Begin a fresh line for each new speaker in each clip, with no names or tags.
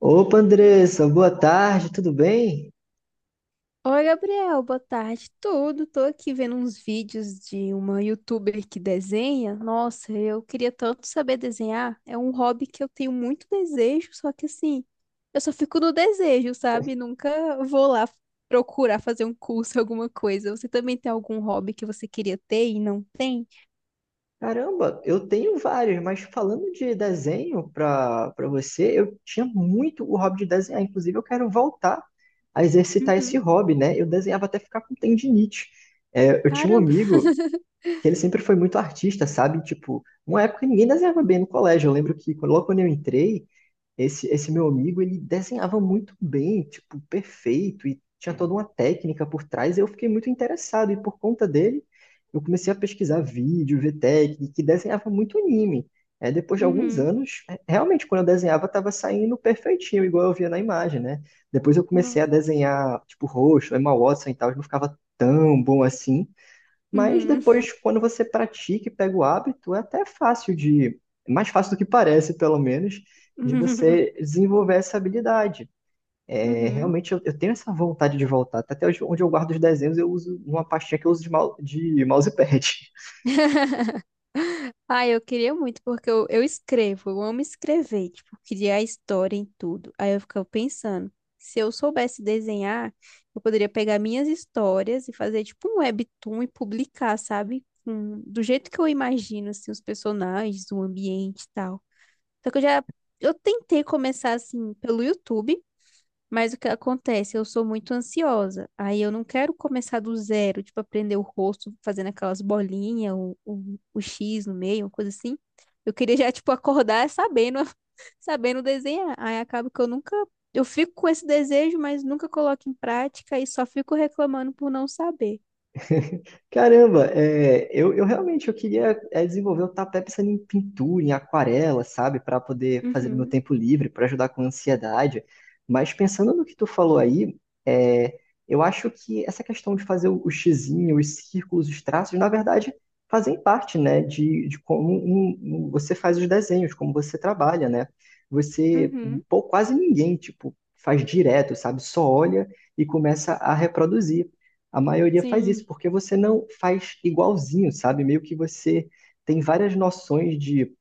Opa, Andressa, boa tarde, tudo bem?
Oi, Gabriel, boa tarde. Tudo, tô aqui vendo uns vídeos de uma youtuber que desenha. Nossa, eu queria tanto saber desenhar. É um hobby que eu tenho muito desejo, só que assim, eu só fico no desejo, sabe? Nunca vou lá procurar fazer um curso, alguma coisa. Você também tem algum hobby que você queria ter e não tem?
Caramba, eu tenho vários, mas falando de desenho para você, eu tinha muito o hobby de desenhar. Inclusive, eu quero voltar a exercitar esse
Uhum.
hobby, né? Eu desenhava até ficar com tendinite. Eu tinha um
Caramba.
amigo que ele sempre foi muito artista, sabe? Tipo, uma época ninguém desenhava bem no colégio. Eu lembro que logo quando eu entrei, esse meu amigo, ele desenhava muito bem, tipo, perfeito, e tinha toda uma técnica por trás. Eu fiquei muito interessado, e por conta dele, eu comecei a pesquisar vídeo, ver técnica, que desenhava muito anime. Depois de alguns
Uhum.
anos, realmente, quando eu desenhava, estava saindo perfeitinho, igual eu via na imagem, né? Depois eu comecei a
Nossa.
desenhar, tipo, rosto, Emma Watson e tal, não ficava tão bom assim. Mas
Uhum.
depois, quando você pratica e pega o hábito, é mais fácil do que parece, pelo menos, de você desenvolver essa habilidade.
Uhum.
Eu tenho essa vontade de voltar. Até hoje, onde eu guardo os desenhos, eu uso uma pastinha que eu uso de, de mousepad.
Ah, eu queria muito, porque eu escrevo, eu amo escrever, tipo, criar história em tudo. Aí eu ficava pensando, se eu soubesse desenhar, eu poderia pegar minhas histórias e fazer, tipo, um webtoon e publicar, sabe? Com- do jeito que eu imagino, assim, os personagens, o ambiente e tal. Só que eu já, eu tentei começar, assim, pelo YouTube, mas o que acontece? Eu sou muito ansiosa. Aí eu não quero começar do zero, tipo, aprender o rosto fazendo aquelas bolinhas, o X no meio, uma coisa assim. Eu queria já, tipo, acordar sabendo, sabendo desenhar. Aí acaba que eu nunca. Eu fico com esse desejo, mas nunca coloco em prática e só fico reclamando por não saber.
Caramba, eu realmente eu queria desenvolver, eu tava até pensando em pintura, em aquarela, sabe, para poder fazer no meu
Uhum,
tempo livre, para ajudar com a ansiedade. Mas pensando no que tu falou aí, é, eu acho que essa questão de fazer o xizinho, os círculos, os traços, na verdade, fazem parte, né, de como você faz os desenhos, como você trabalha, né? Você,
uhum,
pô, quase ninguém, tipo, faz direto, sabe, só olha e começa a reproduzir. A maioria faz isso,
sim.
porque você não faz igualzinho, sabe? Meio que você tem várias noções de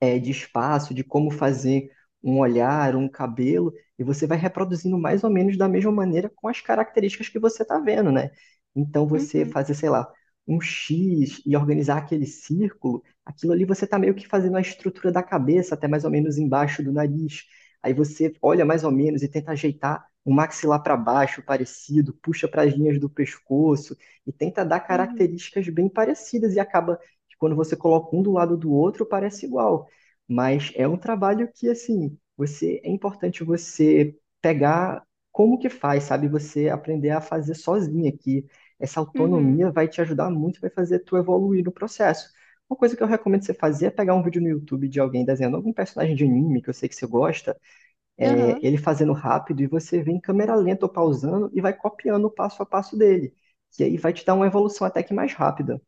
de espaço, de como fazer um olhar, um cabelo, e você vai reproduzindo mais ou menos da mesma maneira com as características que você está vendo, né? Então você
Uhum,
fazer, sei lá, um X e organizar aquele círculo, aquilo ali você está meio que fazendo a estrutura da cabeça, até mais ou menos embaixo do nariz. Aí você olha mais ou menos e tenta ajeitar o maxilar para baixo, parecido, puxa para as linhas do pescoço e tenta dar
uhum,
características bem parecidas e acaba que quando você coloca um do lado do outro, parece igual. Mas é um trabalho que, assim, você é importante você pegar como que faz, sabe? Você aprender a fazer sozinha, que essa
uhum.
autonomia vai te ajudar muito, vai fazer tu evoluir no processo. Uma coisa que eu recomendo você fazer é pegar um vídeo no YouTube de alguém desenhando algum personagem de anime que eu sei que você gosta,
Aham.
ele fazendo rápido e você vem em câmera lenta ou pausando e vai copiando o passo a passo dele. E aí vai te dar uma evolução até que mais rápida.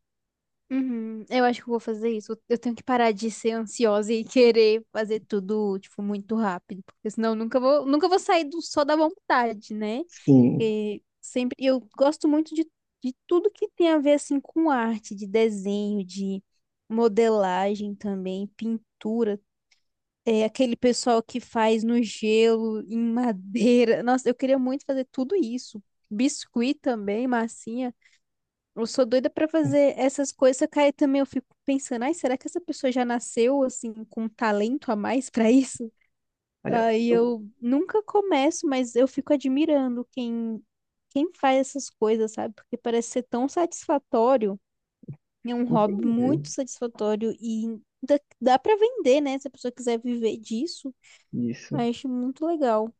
Uhum, eu acho que eu vou fazer isso. Eu tenho que parar de ser ansiosa e querer fazer tudo, tipo, muito rápido, porque senão eu nunca vou sair do só da vontade, né?
Sim,
Porque sempre eu gosto muito de tudo que tem a ver assim com arte, de desenho, de modelagem também, pintura. É aquele pessoal que faz no gelo, em madeira. Nossa, eu queria muito fazer tudo isso. Biscuit também, massinha. Eu sou doida pra fazer essas coisas, só que aí também eu fico pensando, ai, será que essa pessoa já nasceu assim com um talento a mais pra isso?
olha,
Aí
eu
eu nunca começo, mas eu fico admirando quem faz essas coisas, sabe? Porque parece ser tão satisfatório, é um hobby muito
entendi
satisfatório e dá para vender, né? Se a pessoa quiser viver disso, eu
isso.
acho muito legal.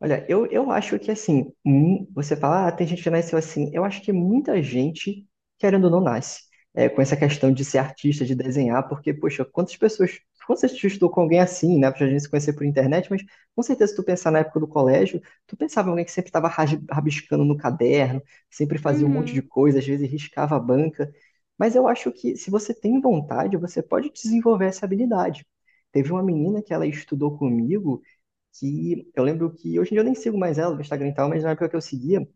Olha, eu acho que assim, você fala, ah, tem gente que nasceu assim. Eu acho que muita gente, querendo ou não, nasce com essa questão de ser artista, de desenhar, porque, poxa, quantas pessoas, quantas vezes tu estudou com alguém assim, né? Pra gente se conhecer por internet, mas com certeza, se tu pensar na época do colégio, tu pensava em alguém que sempre estava rabiscando no caderno, sempre fazia um monte de
Uhum,
coisa, às vezes riscava a banca. Mas eu acho que se você tem vontade, você pode desenvolver essa habilidade. Teve uma menina que ela estudou comigo que eu lembro que hoje em dia eu nem sigo mais ela no Instagram e tal, mas na época que eu seguia,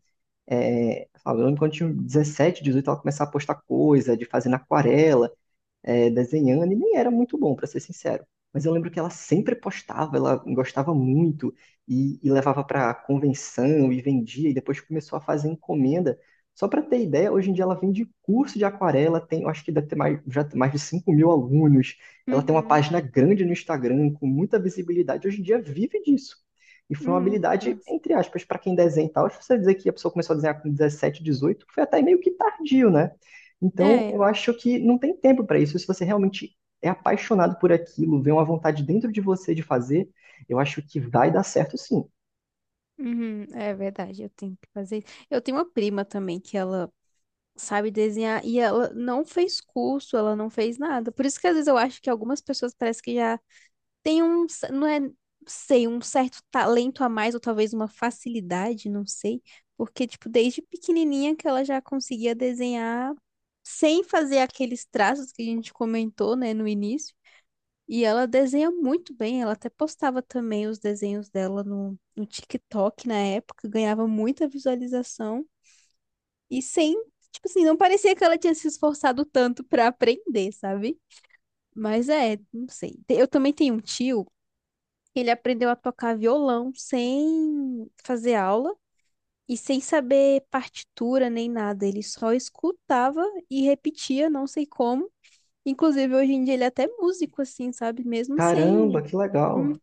eu lembro quando eu tinha 17, 18, ela começava a postar coisa, de fazer na aquarela, desenhando, e nem era muito bom, para ser sincero. Mas eu lembro que ela sempre postava, ela gostava muito e levava para convenção e vendia, e depois começou a fazer encomenda. Só para ter ideia, hoje em dia ela vende curso de aquarela, tem, eu acho que deve ter mais, já tem mais de 5.000 alunos. Ela tem uma
uhum,
página grande no Instagram, com muita visibilidade. Hoje em dia vive disso. E foi uma
uhum.
habilidade,
Nossa.
entre aspas, para quem desenha e tal. Se você dizer que a pessoa começou a desenhar com 17, 18 foi até meio que tardio, né? Então,
É.
eu acho que não tem tempo para isso. Se você realmente é apaixonado por aquilo, vê uma vontade dentro de você de fazer, eu acho que vai dar certo sim.
Uhum, é verdade, eu tenho que fazer isso. Eu tenho uma prima também que ela sabe desenhar e ela não fez curso, ela não fez nada. Por isso que às vezes eu acho que algumas pessoas parece que já têm um, c- não é, sei, um certo talento a mais ou talvez uma facilidade, não sei, porque tipo desde pequenininha que ela já conseguia desenhar sem fazer aqueles traços que a gente comentou, né, no início. E ela desenha muito bem, ela até postava também os desenhos dela no TikTok na época, ganhava muita visualização. E sem, tipo assim, não parecia que ela tinha se esforçado tanto pra aprender, sabe? Mas é, não sei. Te- Eu também tenho um tio, ele aprendeu a tocar violão sem fazer aula e sem saber partitura nem nada. Ele só escutava e repetia, não sei como. Inclusive, hoje em dia ele é até músico, assim, sabe? Mesmo sem.
Caramba, que legal.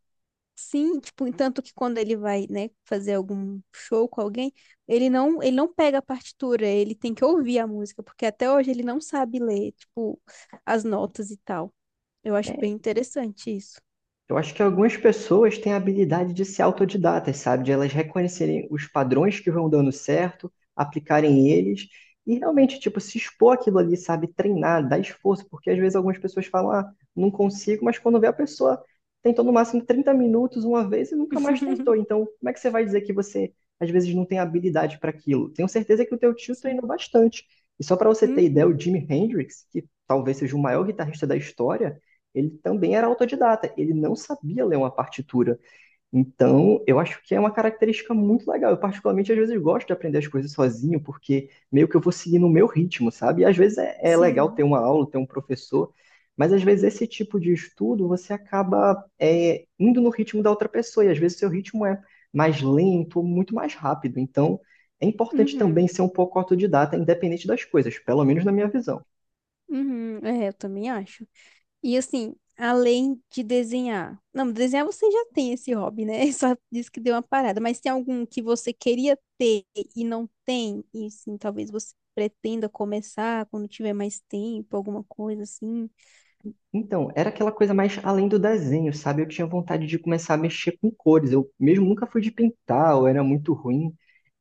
Sim, tipo, tanto que quando ele vai, né, fazer algum show com alguém, ele não pega a partitura, ele tem que ouvir a música, porque até hoje ele não sabe ler, tipo, as notas e tal. Eu acho
É,
bem interessante isso.
Eu acho que algumas pessoas têm a habilidade de ser autodidatas, sabe? De elas reconhecerem os padrões que vão dando certo, aplicarem eles e realmente, tipo, se expor aquilo ali, sabe? Treinar, dar esforço, porque às vezes algumas pessoas falam, ah, não consigo, mas quando vê a pessoa tentou no máximo 30 minutos uma vez e nunca mais tentou. Então, como é que você vai dizer que você às vezes não tem habilidade para aquilo? Tenho certeza que o teu tio
Sim.
treinou bastante. E só para você ter ideia, o
Uhum,
Jimi Hendrix, que talvez seja o maior guitarrista da história, ele também era autodidata, ele não sabia ler uma partitura. Então, eu acho que é uma característica muito legal. Eu, particularmente, às vezes gosto de aprender as coisas sozinho, porque meio que eu vou seguir no meu ritmo, sabe? E às vezes é legal ter
sim.
uma aula, ter um professor, mas às vezes esse tipo de estudo você acaba indo no ritmo da outra pessoa, e às vezes seu ritmo é mais lento, muito mais rápido. Então, é importante também
Uhum,
ser um pouco autodidata, independente das coisas, pelo menos na minha visão.
uhum. É, eu também acho. E assim, além de desenhar. Não, desenhar você já tem esse hobby, né? Só disse que deu uma parada. Mas tem algum que você queria ter e não tem? E sim, talvez você pretenda começar quando tiver mais tempo, alguma coisa assim.
Então, era aquela coisa mais além do desenho, sabe? Eu tinha vontade de começar a mexer com cores. Eu mesmo nunca fui de pintar, eu era muito ruim.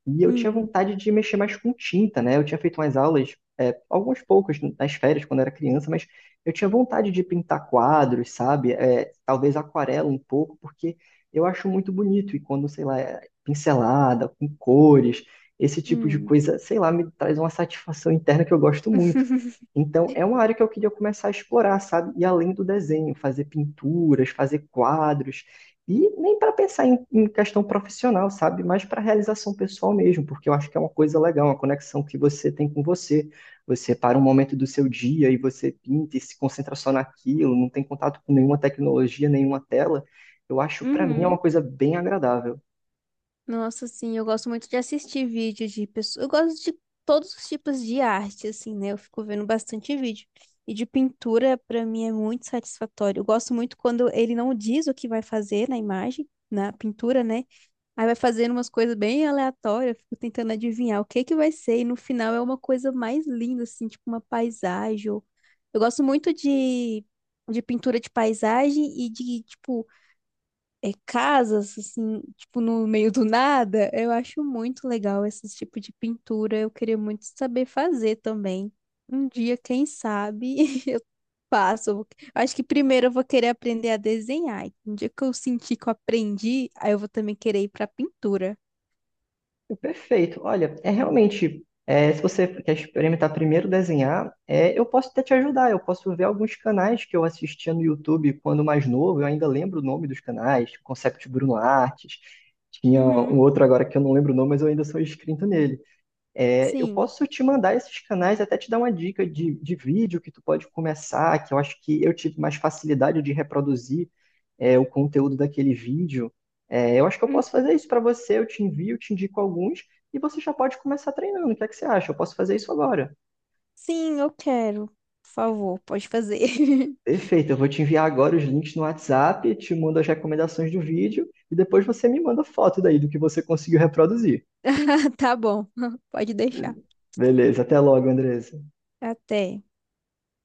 E eu tinha
Hum,
vontade de mexer mais com tinta, né? Eu tinha feito umas aulas, algumas poucas nas férias, quando era criança, mas eu tinha vontade de pintar quadros, sabe? Talvez aquarela um pouco, porque eu acho muito bonito. E quando, sei lá, é pincelada, com cores, esse tipo de
hum.
coisa, sei lá, me traz uma satisfação interna que eu gosto muito. Então, é uma área que eu queria começar a explorar, sabe? E além do desenho, fazer pinturas, fazer quadros. E nem para pensar em, em questão profissional, sabe? Mas para realização pessoal mesmo, porque eu acho que é uma coisa legal, uma conexão que você tem com você. Você para um momento do seu dia e você pinta e se concentra só naquilo, não tem contato com nenhuma tecnologia, nenhuma tela. Eu acho, para mim, é uma
Uhum.
coisa bem agradável.
Nossa, sim, eu gosto muito de assistir vídeo de pessoas. Eu gosto de todos os tipos de arte, assim, né? Eu fico vendo bastante vídeo. E de pintura, pra mim, é muito satisfatório. Eu gosto muito quando ele não diz o que vai fazer na imagem, na pintura, né? Aí vai fazendo umas coisas bem aleatórias, eu fico tentando adivinhar o que que vai ser. E no final é uma coisa mais linda, assim, tipo uma paisagem, ou- Eu gosto muito de pintura de paisagem e de, tipo, é, casas, assim, tipo, no meio do nada. Eu acho muito legal esse tipo de pintura. Eu queria muito saber fazer também. Um dia, quem sabe, eu passo. Eu vou- Acho que primeiro eu vou querer aprender a desenhar. E um dia que eu sentir que eu aprendi, aí eu vou também querer ir pra pintura.
Perfeito. Olha, se você quer experimentar primeiro desenhar, eu posso até te ajudar. Eu posso ver alguns canais que eu assistia no YouTube quando mais novo. Eu ainda lembro o nome dos canais, Concept Bruno Artes. Tinha
Uhum.
um outro agora que eu não lembro o nome, mas eu ainda sou inscrito nele. Eu
Sim.
posso te mandar esses canais, até te dar uma dica de vídeo que tu pode começar, que eu acho que eu tive mais facilidade de reproduzir o conteúdo daquele vídeo. Eu acho que eu posso
Uhum.
fazer isso para você, eu te envio, te indico alguns, e você já pode começar treinando. O que é que você acha? Eu posso fazer isso agora.
Sim, eu quero. Por favor, pode fazer.
Perfeito, eu vou te enviar agora os links no WhatsApp, te mando as recomendações do vídeo, e depois você me manda foto daí do que você conseguiu reproduzir.
Ah, tá bom. Pode deixar.
Beleza, até logo, Andresa.
Até.